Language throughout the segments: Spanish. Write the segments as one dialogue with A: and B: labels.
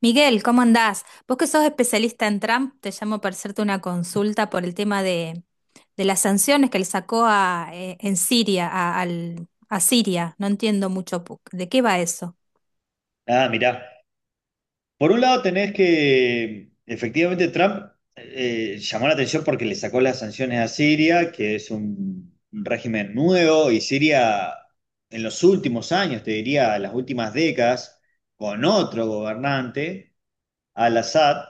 A: Miguel, ¿cómo andás? Vos que sos especialista en Trump, te llamo para hacerte una consulta por el tema de las sanciones que le sacó en Siria, a Siria. No entiendo mucho de qué va eso.
B: Ah, mirá. Por un lado tenés que, efectivamente, Trump llamó la atención porque le sacó las sanciones a Siria, que es un régimen nuevo, y Siria en los últimos años, te diría, las últimas décadas, con otro gobernante. Al-Assad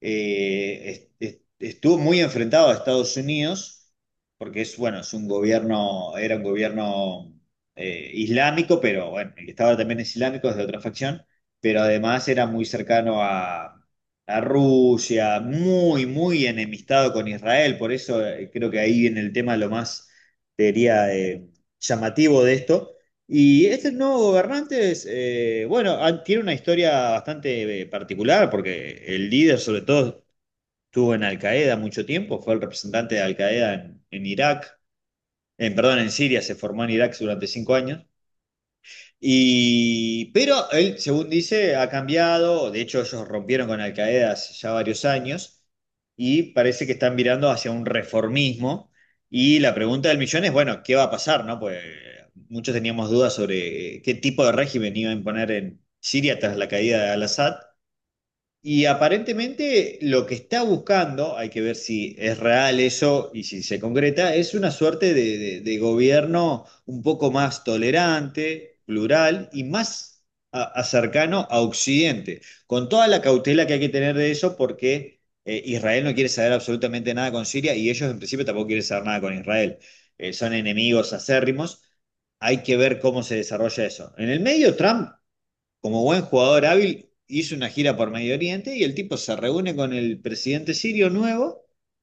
B: estuvo muy enfrentado a Estados Unidos, porque es, bueno, es un gobierno, era un gobierno islámico, pero bueno, el que estaba también es islámico, es de otra facción, pero además era muy cercano a Rusia, muy, muy enemistado con Israel, por eso creo que ahí viene el tema lo más, te diría, llamativo de esto. Y este nuevo gobernante es, bueno, tiene una historia bastante particular porque el líder sobre todo estuvo en Al Qaeda mucho tiempo, fue el representante de Al Qaeda en Irak, en, perdón, en Siria, se formó en Irak durante 5 años y, pero él, según dice, ha cambiado. De hecho, ellos rompieron con Al Qaeda hace ya varios años y parece que están mirando hacia un reformismo. Y la pregunta del millón es, bueno, ¿qué va a pasar, no? Pues muchos teníamos dudas sobre qué tipo de régimen iba a imponer en Siria tras la caída de Al-Assad. Y aparentemente lo que está buscando, hay que ver si es real eso y si se concreta, es una suerte de gobierno un poco más tolerante, plural y más a cercano a Occidente, con toda la cautela que hay que tener de eso porque Israel no quiere saber absolutamente nada con Siria y ellos en principio tampoco quieren saber nada con Israel. Son enemigos acérrimos. Hay que ver cómo se desarrolla eso. En el medio, Trump, como buen jugador hábil, hizo una gira por Medio Oriente y el tipo se reúne con el presidente sirio nuevo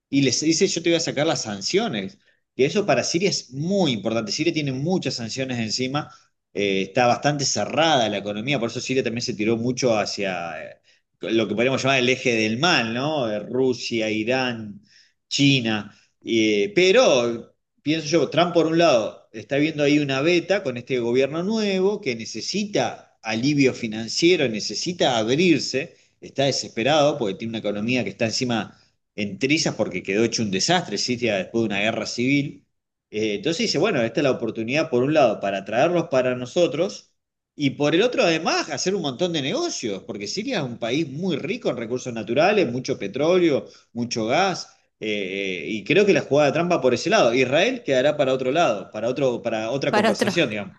B: y les dice, yo te voy a sacar las sanciones. Y eso para Siria es muy importante. Siria tiene muchas sanciones encima, está bastante cerrada la economía, por eso Siria también se tiró mucho hacia lo que podríamos llamar el eje del mal, ¿no? Rusia, Irán, China. Pero pienso yo, Trump por un lado está viendo ahí una beta con este gobierno nuevo que necesita alivio financiero, necesita abrirse, está desesperado porque tiene una economía que está encima en trizas porque quedó hecho un desastre, Siria, después de una guerra civil. Entonces dice, bueno, esta es la oportunidad por un lado para traerlos para nosotros y por el otro además hacer un montón de negocios, porque Siria es un país muy rico en recursos naturales, mucho petróleo, mucho gas, y creo que la jugada trampa por ese lado. Israel quedará para otro lado, para otro, para otra
A: Para otro.
B: conversación, digamos.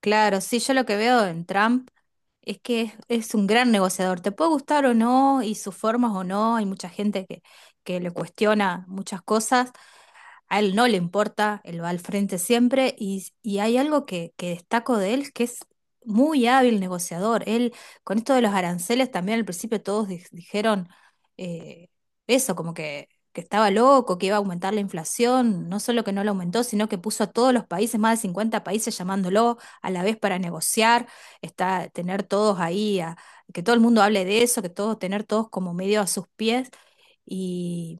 A: Claro, sí, yo lo que veo en Trump es que es un gran negociador. Te puede gustar o no, y sus formas o no. Hay mucha gente que le cuestiona muchas cosas, a él no le importa, él va al frente siempre y hay algo que destaco de él que es muy hábil negociador. Él, con esto de los aranceles, también al principio todos dijeron eh, eso, como que estaba loco, que iba a aumentar la inflación. No solo que no la aumentó, sino que puso a todos los países, más de 50 países, llamándolo a la vez para negociar, está, tener todos ahí, que todo el mundo hable de eso, que todos, tener todos como medio a sus pies. Y,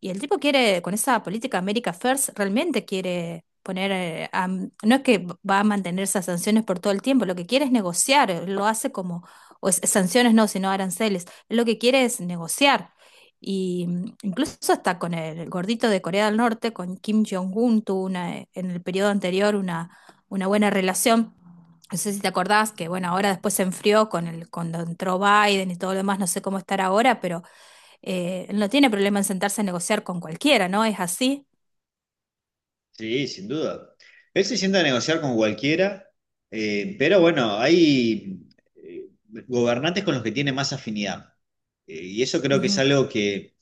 A: y el tipo quiere, con esa política America First, realmente quiere poner, no es que va a mantener esas sanciones por todo el tiempo, lo que quiere es negociar, lo hace como, sanciones no, sino aranceles. Él lo que quiere es negociar. Y incluso hasta con el gordito de Corea del Norte, con Kim Jong-un, tuvo en el periodo anterior una buena relación. No sé si te acordás que, bueno, ahora después se enfrió cuando entró Biden y todo lo demás, no sé cómo estar ahora, pero no tiene problema en sentarse a negociar con cualquiera, ¿no? Es así.
B: Sí, sin duda. Él se sienta a negociar con cualquiera, pero bueno, hay eh, gobernantes con los que tiene más afinidad. Y eso creo que es
A: Ujú.
B: algo que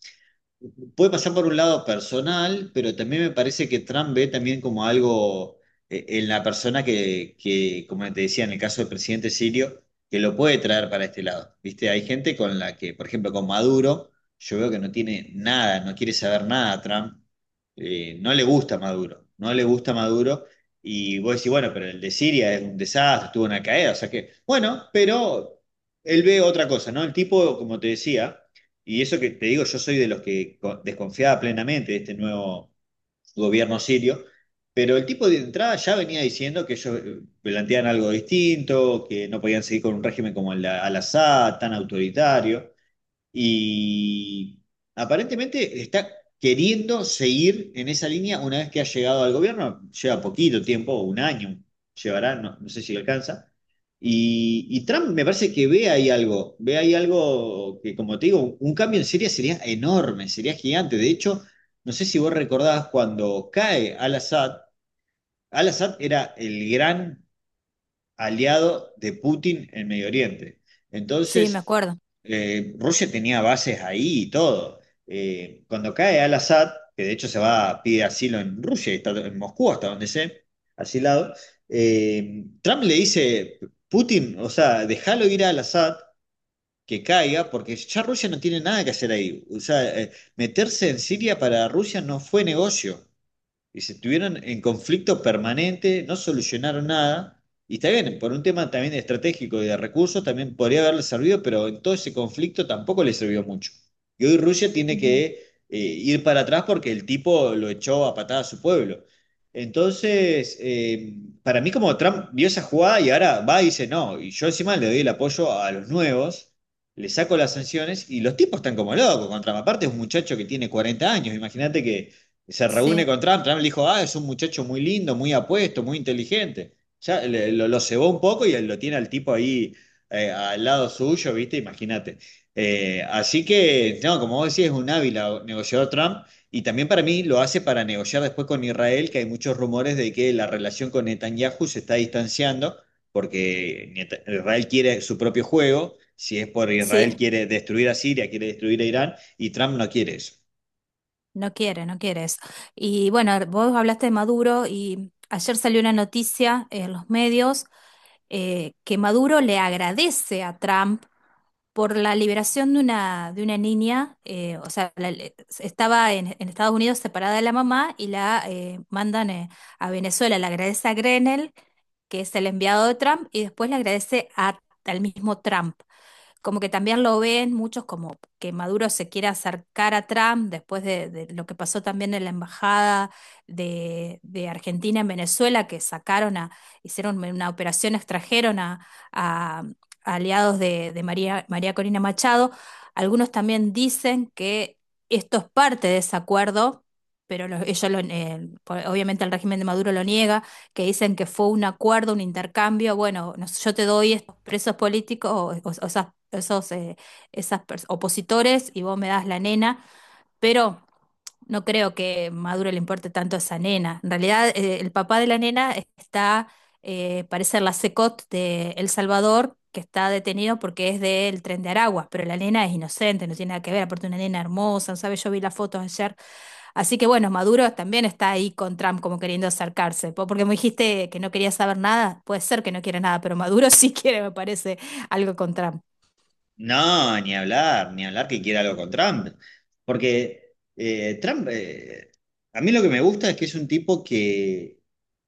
B: puede pasar por un lado personal, pero también me parece que Trump ve también como algo en la persona que, como te decía, en el caso del presidente sirio, que lo puede traer para este lado. ¿Viste? Hay gente con la que, por ejemplo, con Maduro, yo veo que no tiene nada, no quiere saber nada a Trump, no le gusta Maduro, no le gusta Maduro. Y vos decís, bueno, pero el de Siria es un desastre, tuvo una caída, o sea que, bueno, pero él ve otra cosa, ¿no? El tipo, como te decía, y eso que te digo, yo soy de los que desconfiaba plenamente de este nuevo gobierno sirio, pero el tipo de entrada ya venía diciendo que ellos planteaban algo distinto, que no podían seguir con un régimen como el de Al-Assad, tan autoritario, y aparentemente está queriendo seguir en esa línea una vez que ha llegado al gobierno. Lleva poquito tiempo, 1 año llevará, no, no sé si le alcanza. Y Trump me parece que ve ahí algo que, como te digo, un cambio en Siria sería enorme, sería gigante. De hecho, no sé si vos recordás cuando cae al-Assad, al-Assad era el gran aliado de Putin en Medio Oriente.
A: Sí, me
B: Entonces,
A: acuerdo.
B: Rusia tenía bases ahí y todo. Cuando cae al-Assad, que de hecho se va a pedir asilo en Rusia, y está en Moscú hasta donde sé, asilado, Trump le dice, Putin, o sea, déjalo ir al Assad, que caiga, porque ya Rusia no tiene nada que hacer ahí. O sea, meterse en Siria para Rusia no fue negocio. Dice, estuvieron en conflicto permanente, no solucionaron nada. Y está bien, por un tema también estratégico y de recursos, también podría haberle servido, pero en todo ese conflicto tampoco le sirvió mucho. Y hoy Rusia tiene que ir para atrás porque el tipo lo echó a patada a su pueblo. Entonces, para mí como Trump vio esa jugada y ahora va y dice, no, y yo encima le doy el apoyo a los nuevos, le saco las sanciones y los tipos están como locos contra. Aparte es un muchacho que tiene 40 años, imagínate que se reúne
A: Sí,
B: con Trump, Trump le dijo, ah, es un muchacho muy lindo, muy apuesto, muy inteligente. Ya lo cebó un poco y lo tiene al tipo ahí, al lado suyo, ¿viste? Imagínate. Así que, no, como vos decís, es un hábil negociador Trump, y también para mí lo hace para negociar después con Israel, que hay muchos rumores de que la relación con Netanyahu se está distanciando porque Israel quiere su propio juego, si es por
A: sí,
B: Israel quiere destruir a Siria, quiere destruir a Irán y Trump no quiere eso.
A: no quiere, no quiere eso. Y bueno, vos hablaste de Maduro y ayer salió una noticia en los medios que Maduro le agradece a Trump por la liberación de una niña, o sea, estaba en Estados Unidos separada de la mamá y la mandan a Venezuela. Le agradece a Grenell, que es el enviado de Trump, y después le agradece al mismo Trump como que también lo ven muchos como que Maduro se quiere acercar a Trump después de lo que pasó también en la embajada de Argentina en Venezuela, que sacaron hicieron una operación, extrajeron a- a aliados de María Corina Machado. Algunos también dicen que esto es parte de ese acuerdo, pero obviamente el régimen de Maduro lo niega que dicen que fue un acuerdo, un intercambio, bueno, no sé, yo te doy estos presos políticos o esas, esos opositores y vos me das la nena, pero no creo que Maduro le importe tanto a esa nena. En realidad, el papá de la nena está, parece la CECOT de El Salvador, que está detenido porque es del tren de Aragua, pero la nena es inocente, no tiene nada que ver, aparte una nena hermosa, ¿sabes? Yo vi las fotos ayer. Así que bueno, Maduro también está ahí con Trump como queriendo acercarse, porque me dijiste que no quería saber nada, puede ser que no quiera nada, pero Maduro sí quiere, me parece, algo con Trump.
B: No, ni hablar, ni hablar que quiera algo con Trump. Porque Trump, a mí lo que me gusta es que es un tipo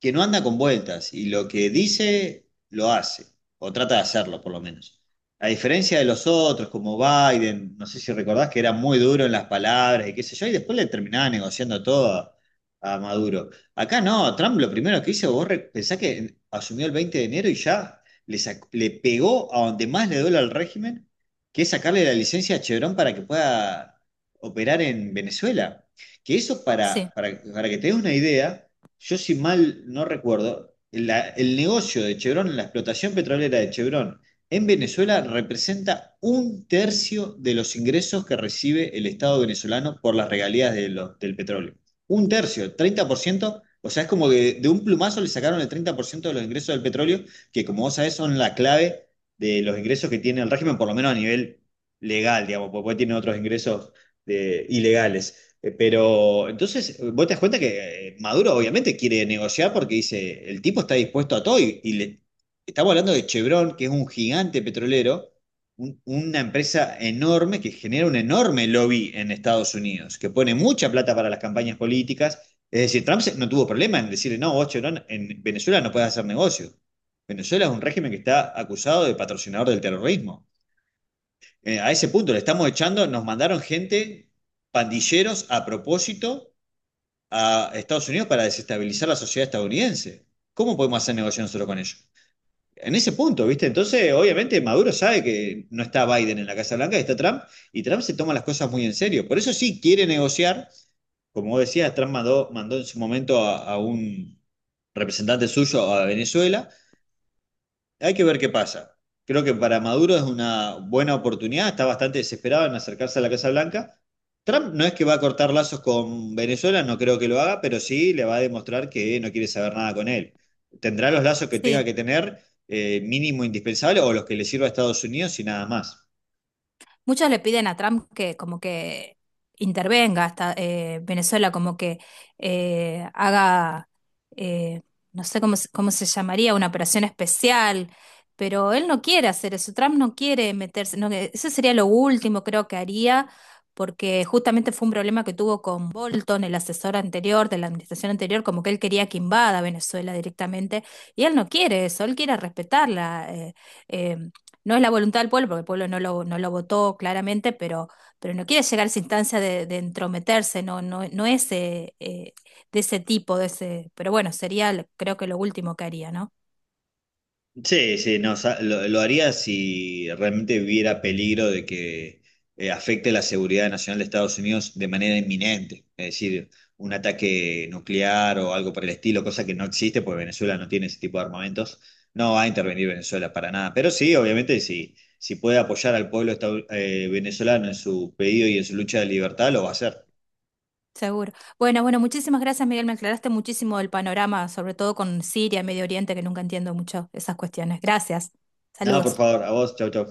B: que no anda con vueltas y lo que dice lo hace, o trata de hacerlo por lo menos. A diferencia de los otros, como Biden, no sé si recordás que era muy duro en las palabras y qué sé yo, y después le terminaba negociando todo a Maduro. Acá no, Trump lo primero que hizo, vos pensás que asumió el 20 de enero y ya le pegó a donde más le duele al régimen, que es sacarle la licencia a Chevron para que pueda operar en Venezuela. Que eso,
A: Sí,
B: para que te des una idea, yo si mal no recuerdo, el negocio de Chevron, la explotación petrolera de Chevron en Venezuela representa un tercio de los ingresos que recibe el Estado venezolano por las regalías de del petróleo. Un tercio, 30%. O sea, es como que de un plumazo le sacaron el 30% de los ingresos del petróleo, que como vos sabés son la clave de los ingresos que tiene el régimen, por lo menos a nivel legal, digamos, porque tiene otros ingresos ilegales. Pero entonces vos te das cuenta que Maduro obviamente quiere negociar porque dice, el tipo está dispuesto a todo y le, estamos hablando de Chevron, que es un gigante petrolero, una empresa enorme que genera un enorme lobby en Estados Unidos, que pone mucha plata para las campañas políticas. Es decir, Trump no tuvo problema en decirle, no, vos Chevron en Venezuela no puedes hacer negocio. Venezuela es un régimen que está acusado de patrocinador del terrorismo. A ese punto le estamos echando, nos mandaron gente, pandilleros a propósito, a Estados Unidos para desestabilizar la sociedad estadounidense. ¿Cómo podemos hacer negocio nosotros con ellos? En ese punto, ¿viste? Entonces, obviamente, Maduro sabe que no está Biden en la Casa Blanca, está Trump, y Trump se toma las cosas muy en serio. Por eso sí quiere negociar. Como vos decías, Trump mandó, mandó en su momento a un representante suyo a Venezuela. Hay que ver qué pasa. Creo que para Maduro es una buena oportunidad, está bastante desesperado en acercarse a la Casa Blanca. Trump no es que va a cortar lazos con Venezuela, no creo que lo haga, pero sí le va a demostrar que no quiere saber nada con él. Tendrá los lazos que tenga
A: sí,
B: que tener, mínimo indispensable, o los que le sirva a Estados Unidos y nada más.
A: muchos le piden a Trump que como que intervenga hasta Venezuela, como que haga, eh, no sé cómo, cómo se llamaría, una operación especial, pero él no quiere hacer eso, Trump no quiere meterse, no, eso sería lo último creo que haría, porque justamente fue un problema que tuvo con Bolton, el asesor anterior de la administración anterior, como que él quería que invada Venezuela directamente, y él no quiere eso, él quiere respetarla eh, no es la voluntad del pueblo, porque el pueblo no lo votó claramente, pero no quiere llegar a esa instancia de entrometerse, no, no, no es de ese tipo, de ese, pero bueno, sería creo que lo último que haría, ¿no?
B: Sí, sí, no, lo haría si realmente hubiera peligro de que afecte la seguridad nacional de Estados Unidos de manera inminente, es decir, un ataque nuclear o algo por el estilo, cosa que no existe porque Venezuela no tiene ese tipo de armamentos, no va a intervenir Venezuela para nada, pero sí, obviamente, si, si puede apoyar al pueblo venezolano en su pedido y en su lucha de libertad, lo va a hacer.
A: Seguro. Bueno, bueno, muchísimas gracias, Miguel, me aclaraste muchísimo el panorama, sobre todo con Siria, Medio Oriente, que nunca entiendo mucho esas cuestiones. Gracias.
B: Nada, por
A: Saludos.
B: favor, a vos, chau, chau.